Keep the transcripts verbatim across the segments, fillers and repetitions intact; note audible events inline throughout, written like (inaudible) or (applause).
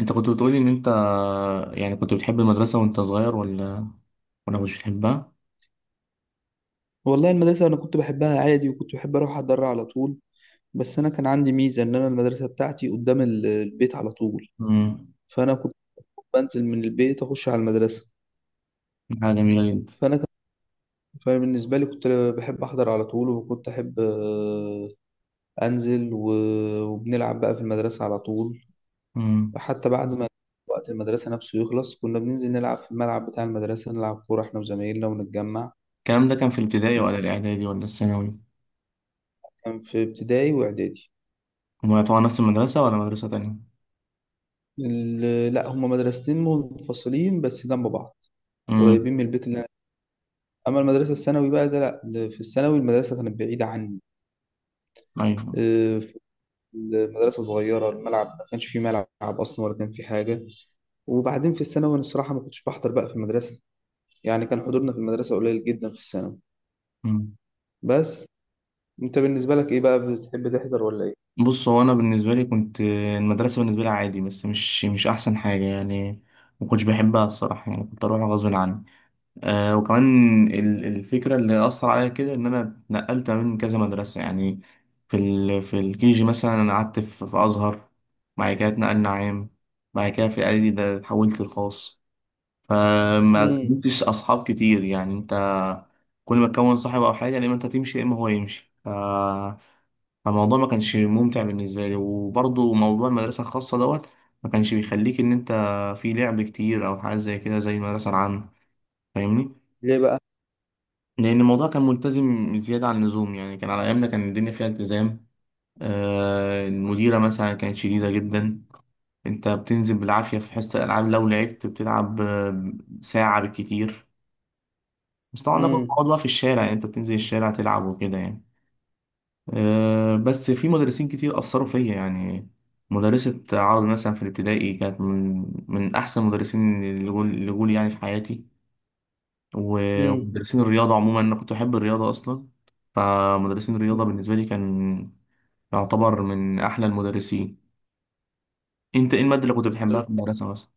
انت كنت بتقولي ان انت يعني كنت بتحب المدرسة وانت صغير، ولا ولا مش بتحبها؟ والله المدرسة أنا كنت بحبها عادي، وكنت بحب أروح أتدرع على طول. بس أنا كان عندي ميزة إن أنا المدرسة بتاعتي قدام ال- البيت على طول. امم. فأنا كنت بنزل من البيت أخش على المدرسة. حاجة جميلة جدا. فأنا كان. فبالنسبة لي كنت بحب أحضر على طول، وكنت أحب آه، أنزل و- وبنلعب بقى في المدرسة على طول. امم. حتى بعد ما وقت المدرسة نفسه يخلص كنا بننزل نلعب في الملعب بتاع المدرسة، نلعب كورة إحنا وزمايلنا ونتجمع. الكلام ده كان في الابتدائي ولا الإعدادي ولا الثانوي؟ وكان في ابتدائي وإعدادي. هما طبعا نفس المدرسة ولا مدرسة تانية؟ ال- لا، هما مدرستين منفصلين بس جنب بعض، امم. قريبين من البيت اللي أنا. أما المدرسة الثانوي بقى ده، لا ده في الثانوي المدرسة كانت بعيدة عني. أيوة. آه، في المدرسة صغيرة، الملعب ما كانش فيه ملعب أصلا ولا كان فيه حاجة. وبعدين في الثانوي أنا الصراحة ما كنتش بحضر بقى في المدرسة، يعني كان حضورنا في المدرسة قليل جدا في الثانوي. امم. بس أنت بالنسبة لك إيه بقى، بتحب تحضر ولا إيه؟ بص، هو أنا بالنسبة لي كنت المدرسة بالنسبة لي عادي، بس مش مش أحسن حاجة يعني. ما كنتش بحبها الصراحة، يعني كنت أروح غصب عني. آه وكمان ال- الفكرة اللي أثر عليا كده إن أنا اتنقلت من كذا مدرسة يعني. في ال في الكيجي مثلا أنا قعدت في, في أزهر. بعد كده اتنقلنا عام. بعد كده في الإعدادي ده اتحولت للخاص. فما مم. كنتش أصحاب كتير يعني. أنت كل ما تكون صاحب أو حاجة يا إما أنت تمشي يا إما هو يمشي ف- فالموضوع ما كانش ممتع بالنسبة لي، وبرضه موضوع المدرسة الخاصة دوت ما كانش بيخليك إن أنت في لعب كتير أو حاجة زي كده زي المدرسة العامة. فاهمني؟ ليه بقى؟ لأن الموضوع كان ملتزم زيادة عن اللزوم، يعني كان على أيامنا كان الدنيا فيها التزام. آه المديرة مثلا كانت شديدة جدا. أنت بتنزل بالعافية في حصة الألعاب، لو لعبت بتلعب آه، ساعة بالكتير. بس طبعا ده كنت مم. بقعد بقى في الشارع، يعني أنت بتنزل الشارع تلعب وكده يعني. آه بس في مدرسين كتير أثروا فيا يعني. مدرسة عربي مثلا في الابتدائي كانت من من أحسن المدرسين اللي جول اللي جول يعني في حياتي. و- مم. ومدرسين الرياضة عموما، أنا كنت بحب الرياضة أصلا. فمدرسين الرياضة مم. بالنسبة لي كان يعتبر من أحلى المدرسين. أنت إيه المادة اللي كنت بتحبها في المدرسة مثلا؟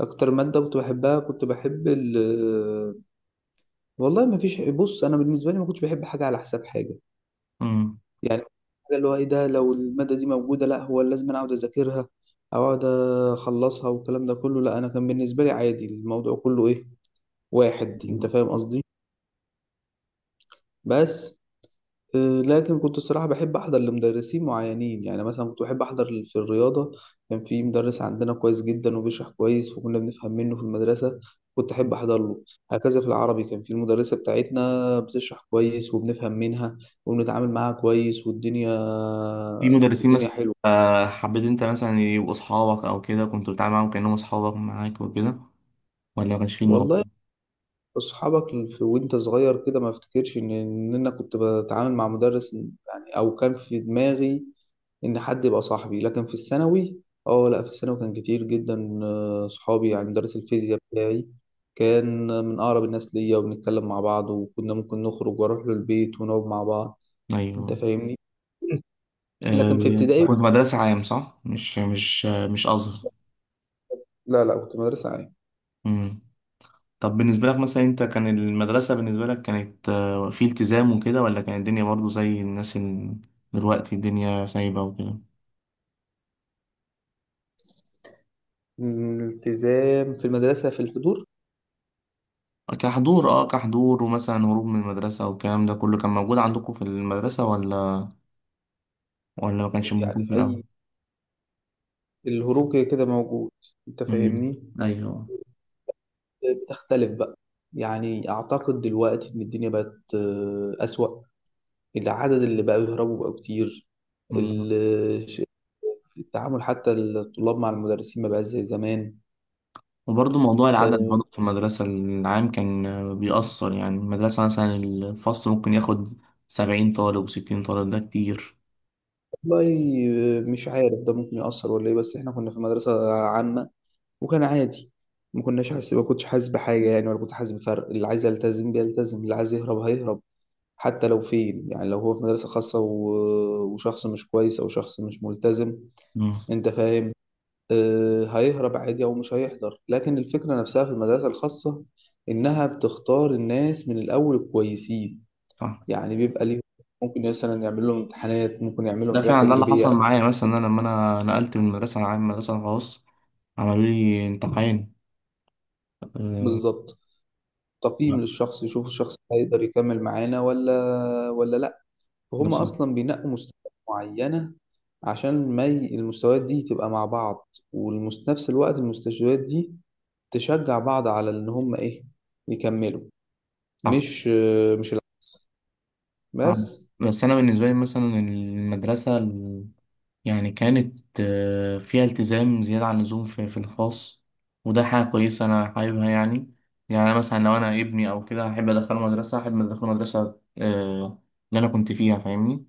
أكتر مادة كنت بحبها، كنت بحب ال. والله ما فيش، بص انا بالنسبه لي ما كنتش بحب حاجه على حساب حاجه. مم. يعني حاجه اللي هو ايه ده، لو الماده دي موجوده لا هو لازم انا اقعد اذاكرها او اقعد اخلصها والكلام ده كله، لا انا كان بالنسبه لي عادي الموضوع كله ايه، واحد. انت أيوة. فاهم قصدي؟ بس آه، لكن كنت الصراحة بحب أحضر لمدرسين معينين، يعني مثلا كنت بحب أحضر في الرياضة. كان في مدرس عندنا كويس جدا وبيشرح كويس وكنا بنفهم منه في المدرسة، كنت أحب أحضر له. هكذا في العربي، كان في المدرسة بتاعتنا بتشرح كويس وبنفهم منها وبنتعامل معاها كويس، والدنيا في مدرسين الدنيا مثلا حلوة. آه، حبيت أنت مثلا يبقوا أصحابك، أو كده كنت بتتعامل معاهم كأنهم أصحابك معاك وكده، ولا ما كانش في الموضوع؟ والله أصحابك في وأنت صغير كده ما أفتكرش إن إن أنا كنت بتعامل مع مدرس يعني، أو كان في دماغي ان حد يبقى صاحبي. لكن في الثانوي، اه لا في الثانوي كان كتير جدا آه، صحابي، يعني مدرس الفيزياء بتاعي كان من اقرب الناس ليا، وبنتكلم مع بعض وكنا ممكن نخرج واروح له البيت ونقعد مع بعض. انت أيوه. فاهمني؟ (clears throat) لكن في آه، ابتدائي. كنت مدرسة عام صح؟ مش مش مش أزهر. لا لا، كنت مدرسة عام. مم. طب بالنسبة لك مثلا، انت كان المدرسة بالنسبة لك كانت آه، في التزام وكده، ولا كانت الدنيا برضو زي الناس ال- دلوقتي الدنيا سايبة وكده؟ الالتزام في المدرسة في الحضور. كحضور اه كحضور ومثلا هروب من المدرسة والكلام ده كله كان موجود عندكم في المدرسة، ولا ولا ما كانش يعني موجود في في الأول؟ أي، الهروب كده كده موجود. أنت مم. فاهمني؟ ايوه. بتختلف بقى، يعني أعتقد دلوقتي إن الدنيا بقت آه، أسوأ، العدد اللي بقى بيهربوا بقى كتير. بالظبط. ال- ش- التعامل حتى الطلاب مع المدرسين ما بقاش زي زمان. وبرضه موضوع العدد آه، برضه في المدرسة العام كان آه، بيأثر، يعني المدرسة مثلا الفصل ممكن ياخد سبعين طالب وستين طالب، ده كتير. والله آه، مش عارف ده ممكن يأثر ولا ايه، بس احنا كنا في مدرسة عامة وكان عادي، ما كناش حاسس، ما كنتش حاسس بحاجة يعني، ولا كنت حاسس بفرق. اللي عايز يلتزم بيلتزم، اللي عايز يهرب هيهرب. حتى لو فين، يعني لو هو في مدرسة خاصة و- وشخص مش كويس أو شخص مش ملتزم، مم. أنت فاهم، آه، هيهرب عادي أو مش هيحضر. لكن الفكرة نفسها في المدرسة الخاصة إنها بتختار الناس من الأول الكويسين، صح. يعني بيبقى ليهم ممكن مثلا يعمل لهم امتحانات، ممكن يعمل لهم ده حاجات فعلا ده اللي حصل تجريبية. معايا، مثلا انا لما انا نقلت من مدرسه عام مدرسه خاص عملوا لي امتحان. أه. بالظبط، تقييم لا. للشخص يشوف الشخص ده هيقدر يكمل معانا ولا ولا لأ. فهم مثلا أصلا بينقوا مستويات معينة، عشان ما ي- المستويات دي تبقى مع بعض، وفي نفس الوقت المستشفيات دي تشجع بعض على إن هم إيه، يكملوا. صح. مش مش الع- صح، بس. بس انا بالنسبه لي مثلا المدرسه ال- يعني كانت آه، فيها التزام زياده عن اللزوم في في الخاص، وده حاجه كويسه انا حاببها يعني. يعني أنا مثلا لو انا ابني او كده، هحب ادخله مدرسه هحب ادخله مدرسه. آه، اللي انا كنت فيها، فاهمني؟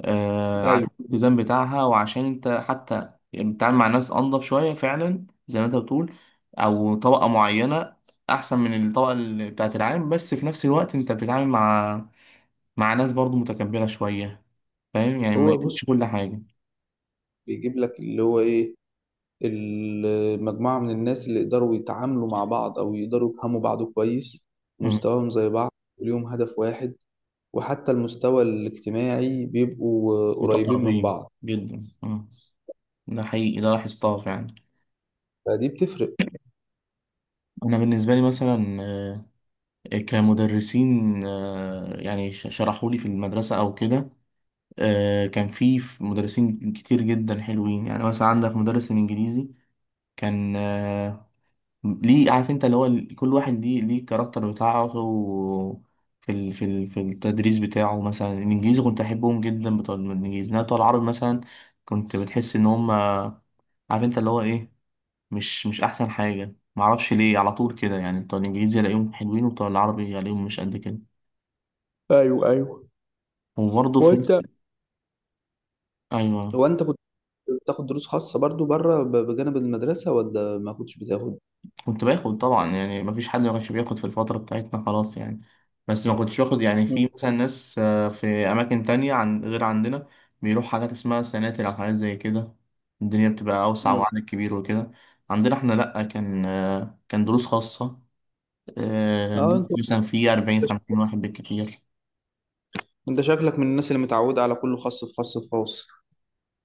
آه، ايوه. عشان الالتزام بتاعها، وعشان انت حتى يعني بتتعامل مع ناس انضف شويه فعلا زي ما انت بتقول، او طبقه معينه احسن من الطبقه اللي بتاعت العام. بس في نفس الوقت انت بتتعامل مع مع ناس برضو متكبره شويه، فاهم يعني ما هو بص يكونش كل حاجه. بيجيب لك اللي هو ايه، المجموعه من الناس اللي يقدروا يتعاملوا مع بعض او يقدروا يفهموا بعض كويس، مم. مستواهم زي بعض وليهم هدف واحد، وحتى المستوى الاجتماعي بيبقوا قريبين من متقربين بعض. جدا. مم. ده حقيقي، ده لاحظتها فعلا. فدي بتفرق. انا بالنسبه لي مثلا آه، كمدرسين آه، يعني شرحوا لي في المدرسه او كده، آه، كان في في مدرسين كتير جدا حلوين، يعني مثلا عندك مدرس الانجليزي كان آه، ليه؟ عارف انت اللي هو ال- كل واحد ليه ليه الكاركتر بتاعه في ال- في ال- في التدريس بتاعه. مثلا الانجليزي كنت احبهم جدا بتوع الانجليزي، انما بتوع العربي مثلا كنت بتحس ان هم عارف انت اللي هو ايه، مش مش احسن حاجه. معرفش ليه، على طول كده يعني بتوع الانجليزي الاقيهم حلوين وبتوع العربي الاقيهم مش قد كده. ايوه ايوه. وبرضه في نفس. وانت، ايوه. هو انت كنت بتاخد دروس خاصه برضو بره ب- بجانب المدرسه ولا ما كنتش بتاخد؟ كنت باخد طبعا، يعني مفيش حد ما كانش بياخد في الفترة بتاعتنا خلاص يعني. بس ما كنتش باخد يعني م- في مثلا ناس آه، في أماكن تانية عن غير عندنا بيروح حاجات اسمها سناتر أو حاجات زي كده، الدنيا بتبقى أوسع م. وعدد كبير وكده. عندنا إحنا لأ، كان آه، كان دروس خاصة آه، اه انت، مثلا في أربعين خمسين واحد بالكتير. انت شكلك من الناس اللي متعوده على كله خاص في خاص في خاص.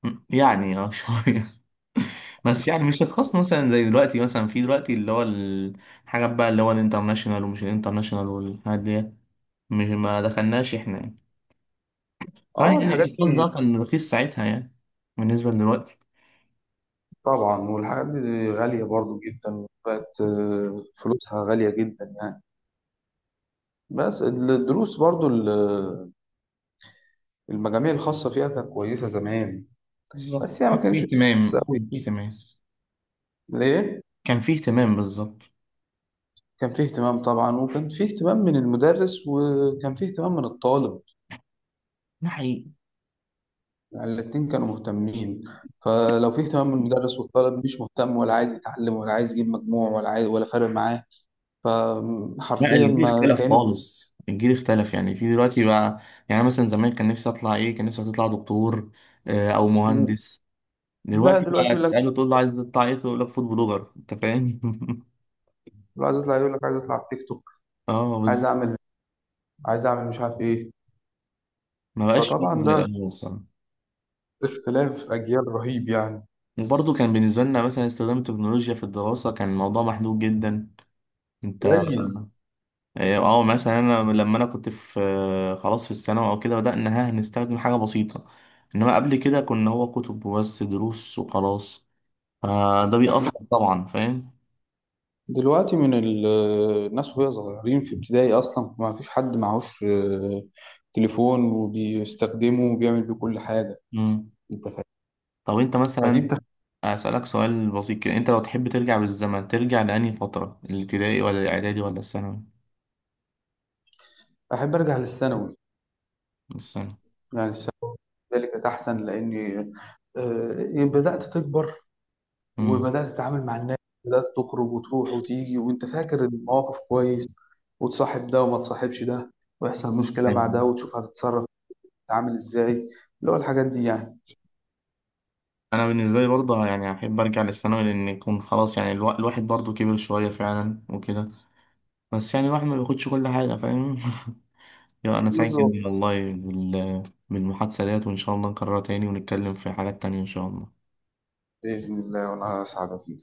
م- يعني اه شوية (laughs) بس يعني مش الخاص مثلا زي دلوقتي، مثلا في دلوقتي اللي هو الحاجات بقى اللي هو الانترناشونال ومش الانترناشونال والحاجات دي، مش ما دخلناش احنا يعني. طبعا اه يعني الحاجات، الباص ده كان رخيص ساعتها يعني، بالنسبة لدلوقتي. طبعا والحاجات دي غالية برضو جدا بقت، آه، فلوسها غالية جدا يعني. بس الدروس برضو ال- المجاميع الخاصة فيها كانت كويسة زمان. بالظبط، بس هي ما كان فيه كانتش اهتمام كويسة أوي. كان فيه اهتمام. ليه؟ كان فيه اهتمام بالظبط. كان فيه اهتمام طبعا، وكان فيه اهتمام من المدرس وكان فيه اهتمام من الطالب، ده حقيقي. يعني الاتنين كانوا مهتمين. فلو فيه اهتمام من المدرس والطالب مش مهتم ولا عايز يتعلم ولا عايز يجيب مجموع ولا عايز ولا فارق معاه، لا، فحرفيا الجيل ما اختلف كانوا. خالص، الجيل اختلف يعني في دلوقتي بقى. يعني مثلا زمان كان نفسي اطلع ايه؟ كان نفسي اطلع دكتور آه، او مهندس. لا دلوقتي دلوقتي بقى يقول لك، تسأله تقول له عايز تطلع ايه، تقول لك فود بلوجر، انت فاهم؟ (laughs) لو عايز يطلع يقول لك عايز يطلع على التيك توك، اه عايز بالظبط. اعمل عايز اعمل مش عارف ايه. ما بقاش فيه فطبعا زي ده الاول الصراحة. اختلاف اجيال رهيب يعني. وبرضه كان بالنسبة لنا مثلا استخدام التكنولوجيا في الدراسة كان الموضوع محدود جدا. انت قليل. اه مثلا انا لما انا كنت في آه، خلاص في الثانوي او كده، بدأنا ها نستخدم حاجة بسيطة، انما قبل كده كنا هو كتب وبس دروس وخلاص. فده لكن بيأثر طبعا، فاهم؟ دلوقتي من ال- الناس وهي صغيرين في ابتدائي اصلا ما فيش حد معهوش آه، تليفون وبيستخدمه وبيعمل بيه كل حاجه، مم. انت فاهم؟ طب انت فدي مثلا بتخ... أسألك سؤال بسيط كده، انت لو تحب ترجع بالزمن ترجع لأنهي فترة، الابتدائي ولا الاعدادي ولا الثانوي؟ احب ارجع للثانوي. الثانوي. يعني الثانوي ذلك احسن، لاني آه، بدات تكبر، مم. وبدأت تتعامل مع الناس، بدأت تخرج وتروح وتيجي وانت فاكر المواقف كويس، وتصاحب ده وما تصاحبش ده، ويحصل مشكلة مع أيوة. ده وتشوف هتتصرف تتعامل ازاي. اللي هو الحاجات دي يعني. انا بالنسبة لي برضه يعني احب ارجع للثانوي، لان يكون خلاص يعني الوا- الواحد برضه كبر شوية فعلا وكده. بس يعني الواحد ما بياخدش كل حاجة، فاهم؟ (laughs) يا أنا سعيد جدا بالظبط. والله بال- بالمحادثة ديت، وإن شاء الله نكررها تاني ونتكلم في حاجات تانية إن شاء الله. بإذن الله وأنا أسعد.